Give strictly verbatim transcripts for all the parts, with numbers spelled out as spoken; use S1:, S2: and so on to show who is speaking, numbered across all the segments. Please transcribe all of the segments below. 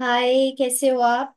S1: हाय, कैसे हो आप।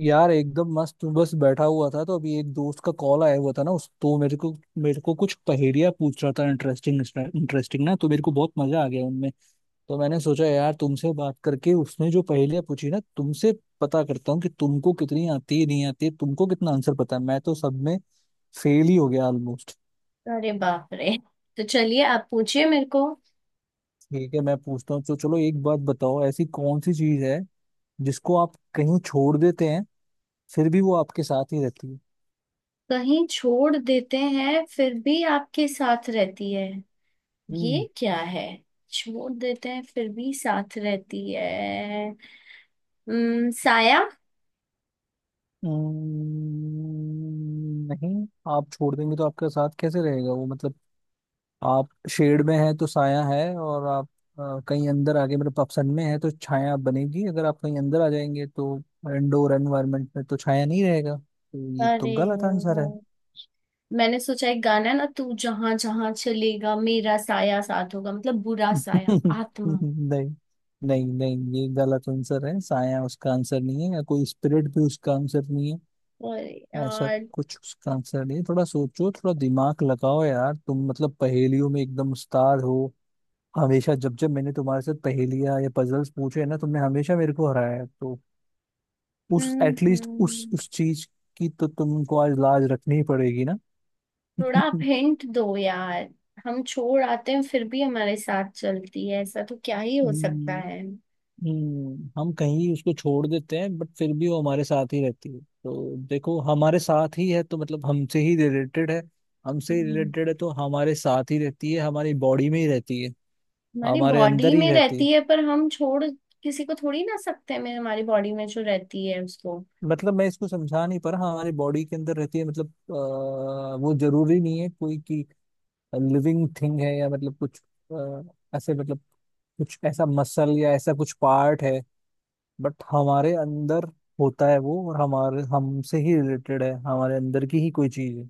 S2: यार एकदम मस्त हूँ, बस बैठा हुआ था तो अभी एक दोस्त का कॉल आया हुआ था ना। उस तो मेरे को मेरे को कुछ पहेलियाँ पूछ रहा था। इंटरेस्टिंग इंटरेस्टिंग ना, तो मेरे को बहुत मजा आ गया उनमें। तो मैंने सोचा यार तुमसे बात करके उसने जो पहेलियाँ पूछी ना तुमसे पता करता हूँ कि तुमको कितनी आती है, नहीं आती है, तुमको कितना आंसर पता है। मैं तो सब में फेल ही हो गया ऑलमोस्ट।
S1: अरे बाप रे। तो चलिए आप पूछिए मेरे को।
S2: ठीक है, मैं पूछता हूँ तो चलो एक बात बताओ, ऐसी कौन सी चीज है जिसको आप कहीं छोड़ देते हैं फिर भी वो आपके साथ ही रहती है।
S1: कहीं छोड़ देते हैं फिर भी आपके साथ रहती है? ये
S2: हम्म।
S1: क्या है? छोड़ देते हैं फिर भी साथ रहती है। उम, साया।
S2: हम्म, नहीं। आप छोड़ देंगे तो आपके साथ कैसे रहेगा वो, मतलब आप शेड में हैं तो साया है, और आप अ, कहीं अंदर आगे, मतलब आप सन में है तो छाया बनेगी, अगर आप कहीं अंदर आ जाएंगे तो इंडोर एनवायरनमेंट में तो छाया नहीं रहेगा, तो ये तो
S1: अरे
S2: गलत आंसर है।
S1: यार, मैंने सोचा एक गाना है ना, तू जहां जहां चलेगा मेरा साया साथ होगा, मतलब बुरा साया, आत्मा।
S2: नहीं। नहीं नहीं, ये गलत आंसर है। साया उसका आंसर नहीं है, या कोई स्पिरिट भी उसका आंसर नहीं है।
S1: अरे
S2: ऐसा
S1: यार।
S2: कुछ उसका आंसर नहीं है। थोड़ा सोचो, थोड़ा दिमाग लगाओ यार, तुम मतलब पहेलियों में एकदम उस्ताद हो। हमेशा जब जब मैंने तुम्हारे साथ पहेलियां या पजल्स पूछे हैं ना, तुमने हमेशा मेरे को हराया है, तो उस
S1: हम्म
S2: एटलीस्ट उस
S1: हम्म।
S2: उस चीज की तो तुमको आज लाज रखनी ही पड़ेगी ना।
S1: थोड़ा आप हिंट दो यार। हम छोड़ आते हैं फिर भी हमारे साथ चलती है, ऐसा तो क्या ही हो सकता
S2: हम्म।
S1: है।
S2: हम्म, हम कहीं उसको छोड़ देते हैं बट फिर भी वो हमारे साथ ही रहती है, तो देखो हमारे साथ ही है तो मतलब हमसे ही रिलेटेड है। हमसे ही
S1: हम्म,
S2: रिलेटेड है तो हमारे साथ ही रहती है, हमारी बॉडी में ही रहती है,
S1: हमारी
S2: हमारे अंदर
S1: बॉडी
S2: ही
S1: में
S2: रहती है।
S1: रहती है पर हम छोड़ किसी को थोड़ी ना सकते हैं। मैं हमारी बॉडी में जो रहती है उसको,
S2: मतलब मैं इसको समझा नहीं पा रहा। हमारी बॉडी के अंदर रहती है, मतलब अ, वो जरूरी नहीं है कोई की लिविंग थिंग है, या मतलब कुछ अ, ऐसे, मतलब कुछ ऐसा मसल या ऐसा कुछ पार्ट है बट हमारे अंदर होता है वो, और हमारे हमसे ही रिलेटेड है, हमारे अंदर की ही कोई चीज है।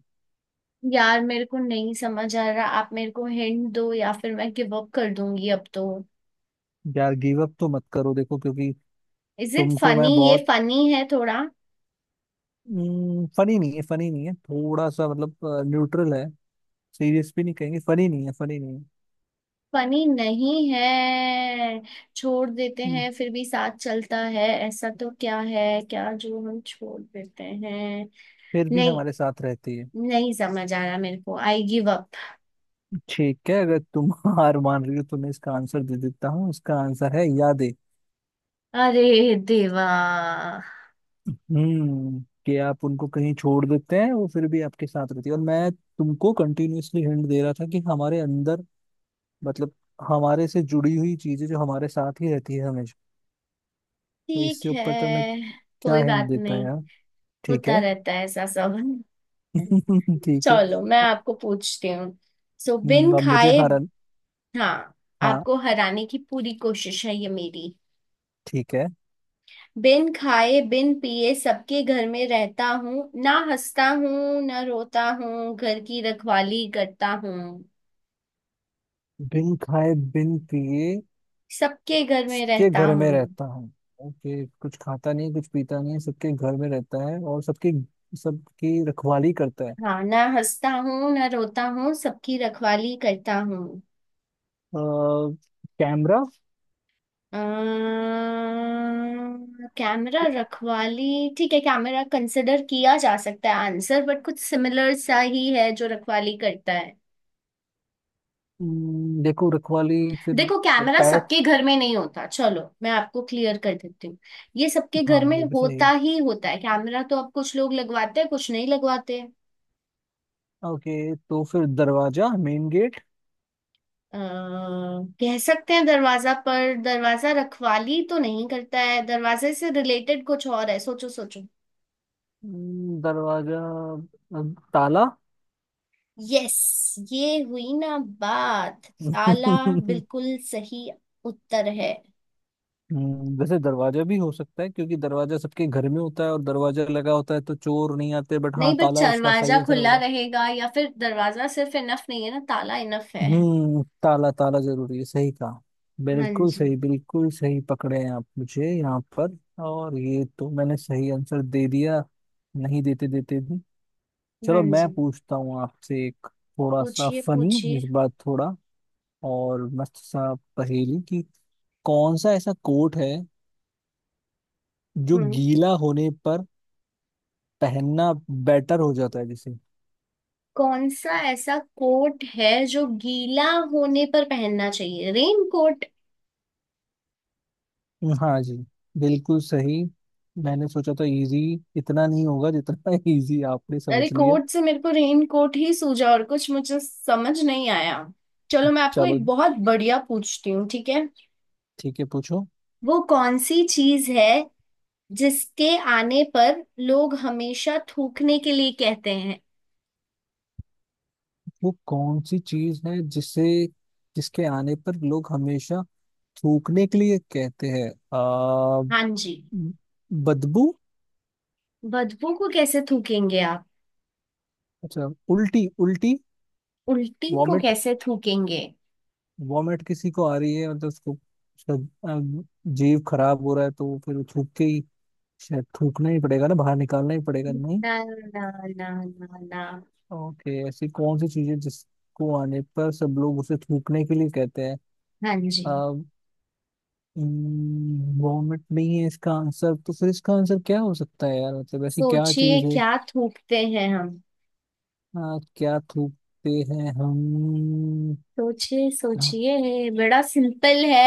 S1: यार मेरे को नहीं समझ आ रहा। आप मेरे को हिंट दो या फिर मैं गिव अप कर दूंगी अब तो।
S2: यार गिव अप तो मत करो, देखो क्योंकि
S1: इज इट
S2: तुमको मैं
S1: फनी? ये
S2: बहुत,
S1: फनी है थोड़ा?
S2: फनी नहीं है, फनी नहीं है, थोड़ा सा मतलब न्यूट्रल है। सीरियस भी नहीं कहेंगे, फनी नहीं है, फनी नहीं है।
S1: फनी नहीं है। छोड़ देते
S2: हम्म।
S1: हैं फिर भी साथ चलता है, ऐसा तो क्या है क्या, जो हम छोड़ देते हैं?
S2: फिर भी
S1: नहीं,
S2: हमारे साथ रहती है।
S1: नहीं समझ आ रहा मेरे को। I give up.
S2: ठीक है, अगर तुम हार मान रही हो तो मैं इसका आंसर दे देता हूँ। इसका आंसर है यादें।
S1: अरे देवा।
S2: हम्म। कि आप उनको कहीं छोड़ देते हैं, वो फिर भी आपके साथ रहती है। और मैं तुमको कंटिन्यूअसली हिंट दे रहा था कि हमारे अंदर, मतलब हमारे से जुड़ी हुई चीजें जो हमारे साथ ही रहती है हमेशा। तो
S1: ठीक
S2: इससे
S1: है,
S2: ऊपर तो मैं क्या
S1: कोई
S2: हिंट
S1: बात
S2: देता है
S1: नहीं।
S2: यार। ठीक
S1: होता
S2: है।
S1: रहता है ऐसा सब।
S2: ठीक है।
S1: चलो, मैं आपको पूछती हूँ। सो, बिन
S2: हम्म, अब मुझे
S1: खाए।
S2: हरन।
S1: हाँ।
S2: हाँ।
S1: आपको हराने की पूरी कोशिश है ये मेरी।
S2: ठीक है।
S1: बिन खाए बिन पिए सबके घर में रहता हूँ, ना हंसता हूँ ना रोता हूँ, घर की रखवाली करता हूँ।
S2: बिन खाए बिन पिए
S1: सबके घर में
S2: सबके
S1: रहता
S2: घर में
S1: हूँ।
S2: रहता हूँ। ओके, कुछ खाता नहीं, कुछ पीता नहीं, सबके घर में रहता है और सबकी सबकी रखवाली करता है। अ,
S1: हाँ, ना हंसता हूँ ना रोता हूँ, सबकी रखवाली करता हूँ।
S2: कैमरा।
S1: अम्म, कैमरा? रखवाली। ठीक है, कैमरा कंसिडर किया जा सकता है आंसर, बट कुछ सिमिलर सा ही है जो रखवाली करता है।
S2: हम्म, देखो रखवाली फिर
S1: देखो, कैमरा
S2: पैट।
S1: सबके घर में नहीं होता। चलो, मैं आपको क्लियर कर देती हूँ। ये सबके
S2: हाँ,
S1: घर में
S2: ये भी सही
S1: होता
S2: है।
S1: ही होता है, कैमरा तो अब कुछ लोग लगवाते हैं कुछ नहीं लगवाते।
S2: ओके, तो फिर दरवाजा, मेन गेट।
S1: अ, कह सकते हैं दरवाजा, पर दरवाजा रखवाली तो नहीं करता है। दरवाजे से रिलेटेड कुछ और है, सोचो सोचो।
S2: हम्म, दरवाजा, अ, ताला।
S1: यस, ये हुई ना बात। ताला, बिल्कुल सही उत्तर है।
S2: हम्म, वैसे दरवाजा भी हो सकता है क्योंकि दरवाजा सबके घर में होता है, और दरवाजा लगा होता है तो चोर नहीं आते, बट
S1: नहीं
S2: हाँ
S1: बट
S2: ताला उसका
S1: दरवाजा
S2: सही आंसर
S1: खुला
S2: होगा।
S1: रहेगा, या फिर दरवाजा सिर्फ इनफ नहीं है ना, ताला इनफ है।
S2: हम्म, ताला ताला जरूरी है, सही कहा।
S1: हाँ
S2: बिल्कुल
S1: जी।
S2: सही, बिल्कुल सही पकड़े हैं आप मुझे यहाँ पर। और ये तो मैंने सही आंसर दे दिया, नहीं देते देते भी। चलो,
S1: हाँ
S2: मैं
S1: जी,
S2: पूछता हूँ आपसे एक थोड़ा सा
S1: पूछिए
S2: फनी,
S1: पूछिए।
S2: इस बार थोड़ा और मस्त सा पहेली कि कौन सा ऐसा कोट है जो
S1: हम्म।
S2: गीला होने पर पहनना बेटर हो जाता है जैसे।
S1: कौन सा ऐसा कोट है जो गीला होने पर पहनना चाहिए? Rain coat.
S2: हाँ जी, बिल्कुल सही। मैंने सोचा था इजी इतना नहीं होगा, जितना इजी आपने
S1: अरे
S2: समझ लिया।
S1: कोट से मेरे को रेन कोट ही सूझा और कुछ मुझे समझ नहीं आया। चलो मैं आपको
S2: चलो
S1: एक बहुत बढ़िया पूछती हूँ, ठीक है।
S2: ठीक है, पूछो।
S1: वो कौन सी चीज है जिसके आने पर लोग हमेशा थूकने के लिए कहते हैं?
S2: वो कौन सी चीज है जिसे, जिसके आने पर लोग हमेशा थूकने के लिए कहते हैं। आ,
S1: हाँ जी।
S2: बदबू।
S1: बदबू को कैसे थूकेंगे आप?
S2: अच्छा, उल्टी, उल्टी,
S1: उल्टी को
S2: वॉमिट।
S1: कैसे थूकेंगे?
S2: वॉमिट किसी को आ रही है मतलब उसको, उसका अ, जीव खराब हो रहा है, तो वो फिर थूक के ही, शायद थूकना ही पड़ेगा ना, बाहर निकालना ही पड़ेगा नहीं।
S1: ना ना, ना ना ना।
S2: ओके, ऐसी कौन सी चीज है जिसको आने पर सब लोग उसे थूकने के लिए कहते
S1: हाँ जी।
S2: हैं। वॉमिट नहीं है इसका आंसर, तो फिर इसका आंसर क्या हो सकता है यार, मतलब ऐसी क्या
S1: सोचिए,
S2: चीज है।
S1: क्या थूकते हैं हम?
S2: आ, क्या थूकते हैं हम।
S1: सोचिए
S2: आ,
S1: सोचिए, बड़ा सिंपल है।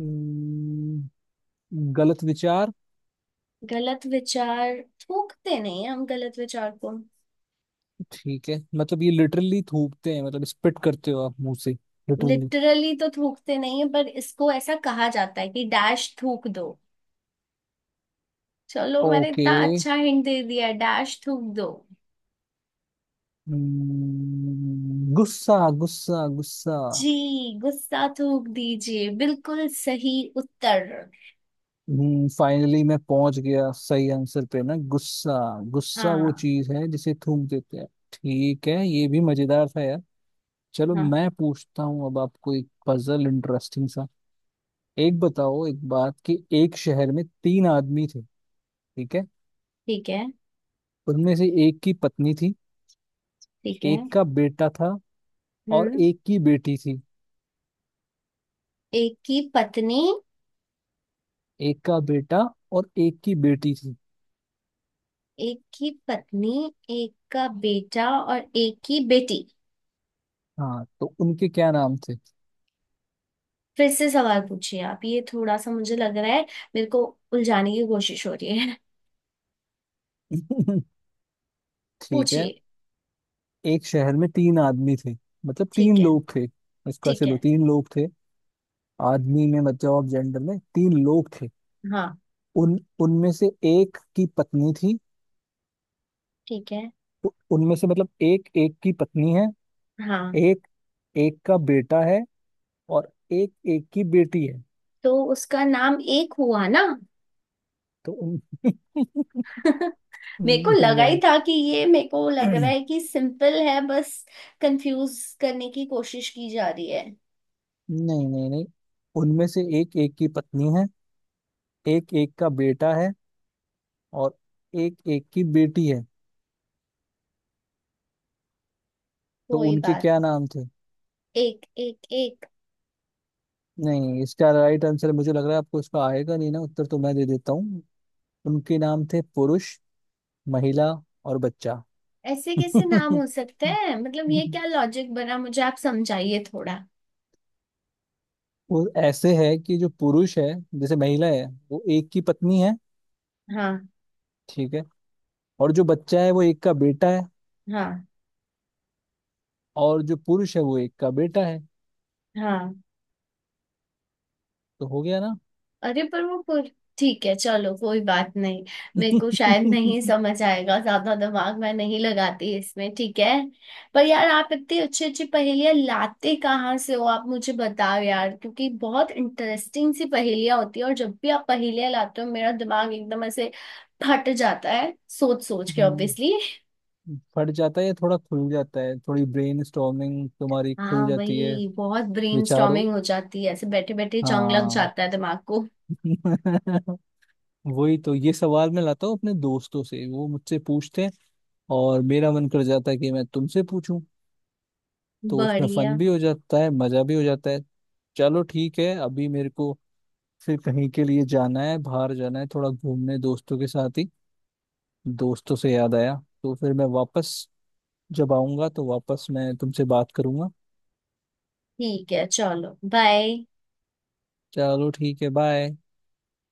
S2: हम्म, गलत विचार।
S1: गलत विचार थूकते नहीं है हम गलत विचार को।
S2: ठीक है, मतलब ये लिटरली थूकते हैं, मतलब स्पिट करते हो आप मुंह से, लिटरली।
S1: लिटरली तो थूकते नहीं है, पर इसको ऐसा कहा जाता है कि डैश थूक दो। चलो मैंने
S2: ओके,
S1: इतना अच्छा हिंट दे दिया, डैश थूक दो।
S2: गुस्सा, गुस्सा, गुस्सा।
S1: जी, गुस्सा थूक दीजिए, बिल्कुल सही उत्तर।
S2: हम्म, फाइनली मैं पहुंच गया सही आंसर पे ना, गुस्सा। गुस्सा वो
S1: हाँ।
S2: चीज है जिसे थूक देते हैं। ठीक है, ये भी मजेदार था यार। चलो
S1: हाँ,
S2: मैं पूछता हूँ अब आपको एक पजल इंटरेस्टिंग सा। एक बताओ एक बात कि एक शहर में तीन आदमी थे, ठीक है।
S1: ठीक है।
S2: उनमें से एक की पत्नी थी,
S1: ठीक है।
S2: एक का बेटा था, और
S1: हम्म।
S2: एक की बेटी थी।
S1: एक की पत्नी।
S2: एक का बेटा और एक की बेटी थी।
S1: एक की पत्नी, एक का बेटा और एक की बेटी।
S2: हाँ, तो उनके क्या नाम थे।
S1: फिर से सवाल पूछिए आप, ये थोड़ा सा मुझे लग रहा है मेरे को उलझाने की कोशिश हो रही है।
S2: ठीक है,
S1: पूछिए।
S2: एक शहर में तीन आदमी थे, मतलब तीन
S1: ठीक है।
S2: लोग थे, इसका
S1: ठीक
S2: चलो
S1: है।
S2: तीन लोग थे। आदमी में मतलब आप जेंडर में तीन लोग थे।
S1: हाँ।
S2: उन उनमें से एक की पत्नी थी।
S1: ठीक है।
S2: तो उनमें से मतलब एक एक की पत्नी है,
S1: हाँ,
S2: एक एक का बेटा है, और एक एक की बेटी है।
S1: तो उसका नाम एक हुआ ना?
S2: तो उन,
S1: मेरे को लगा ही
S2: नहीं।
S1: था कि ये, मेरे को लग रहा
S2: नहीं,
S1: है कि सिंपल है बस, कंफ्यूज करने की कोशिश की जा रही है।
S2: नहीं नहीं, उनमें से एक एक की पत्नी है, एक एक का बेटा है, और एक एक की बेटी है। तो
S1: कोई
S2: उनके
S1: बात
S2: क्या नाम थे।
S1: नहीं। एक, एक, एक।
S2: नहीं, इसका राइट आंसर मुझे लग रहा है आपको इसका आएगा नहीं ना, उत्तर तो मैं दे देता हूँ। उनके नाम थे पुरुष, महिला, और बच्चा।
S1: ऐसे कैसे नाम हो सकते हैं? मतलब ये क्या लॉजिक बना, मुझे आप समझाइए थोड़ा।
S2: वो ऐसे है कि जो पुरुष है, जैसे महिला है, वो एक की पत्नी है,
S1: हाँ।
S2: ठीक है। और जो बच्चा है वो एक का बेटा है।
S1: हाँ।
S2: और जो पुरुष है वो एक का बेटा है।
S1: हाँ।
S2: तो हो गया ना।
S1: अरे पर वो पुर... ठीक है, चलो कोई बात नहीं। मेरे को शायद नहीं
S2: हम्म।
S1: समझ आएगा, ज्यादा दिमाग मैं नहीं लगाती इसमें, ठीक है। पर यार, आप इतनी अच्छी अच्छी पहेलियां लाते कहाँ से हो, आप मुझे बताओ यार, क्योंकि बहुत इंटरेस्टिंग सी पहेलियां होती है, और जब भी आप पहेलियां लाते हो मेरा दिमाग एकदम ऐसे फट जाता है सोच सोच के, ऑब्वियसली।
S2: फट जाता है या थोड़ा खुल जाता है, थोड़ी ब्रेन स्टॉर्मिंग तुम्हारी
S1: हाँ
S2: खुल जाती है,
S1: वही, बहुत
S2: विचारों।
S1: ब्रेनस्टॉर्मिंग हो जाती है, ऐसे बैठे बैठे जंग लग
S2: हाँ।
S1: जाता है दिमाग को।
S2: वही तो ये सवाल मैं लाता हूँ, अपने दोस्तों से वो मुझसे पूछते हैं, और मेरा मन कर जाता है कि मैं तुमसे पूछूं, तो उसमें फन
S1: बढ़िया।
S2: भी हो जाता है, मजा भी हो जाता है। चलो ठीक है, अभी मेरे को फिर कहीं के लिए जाना है, बाहर जाना है थोड़ा घूमने दोस्तों के साथ ही। दोस्तों से याद आया, तो फिर मैं वापस जब आऊंगा तो वापस मैं तुमसे बात करूंगा।
S1: ठीक है चलो, बाय।
S2: चलो ठीक है, बाय।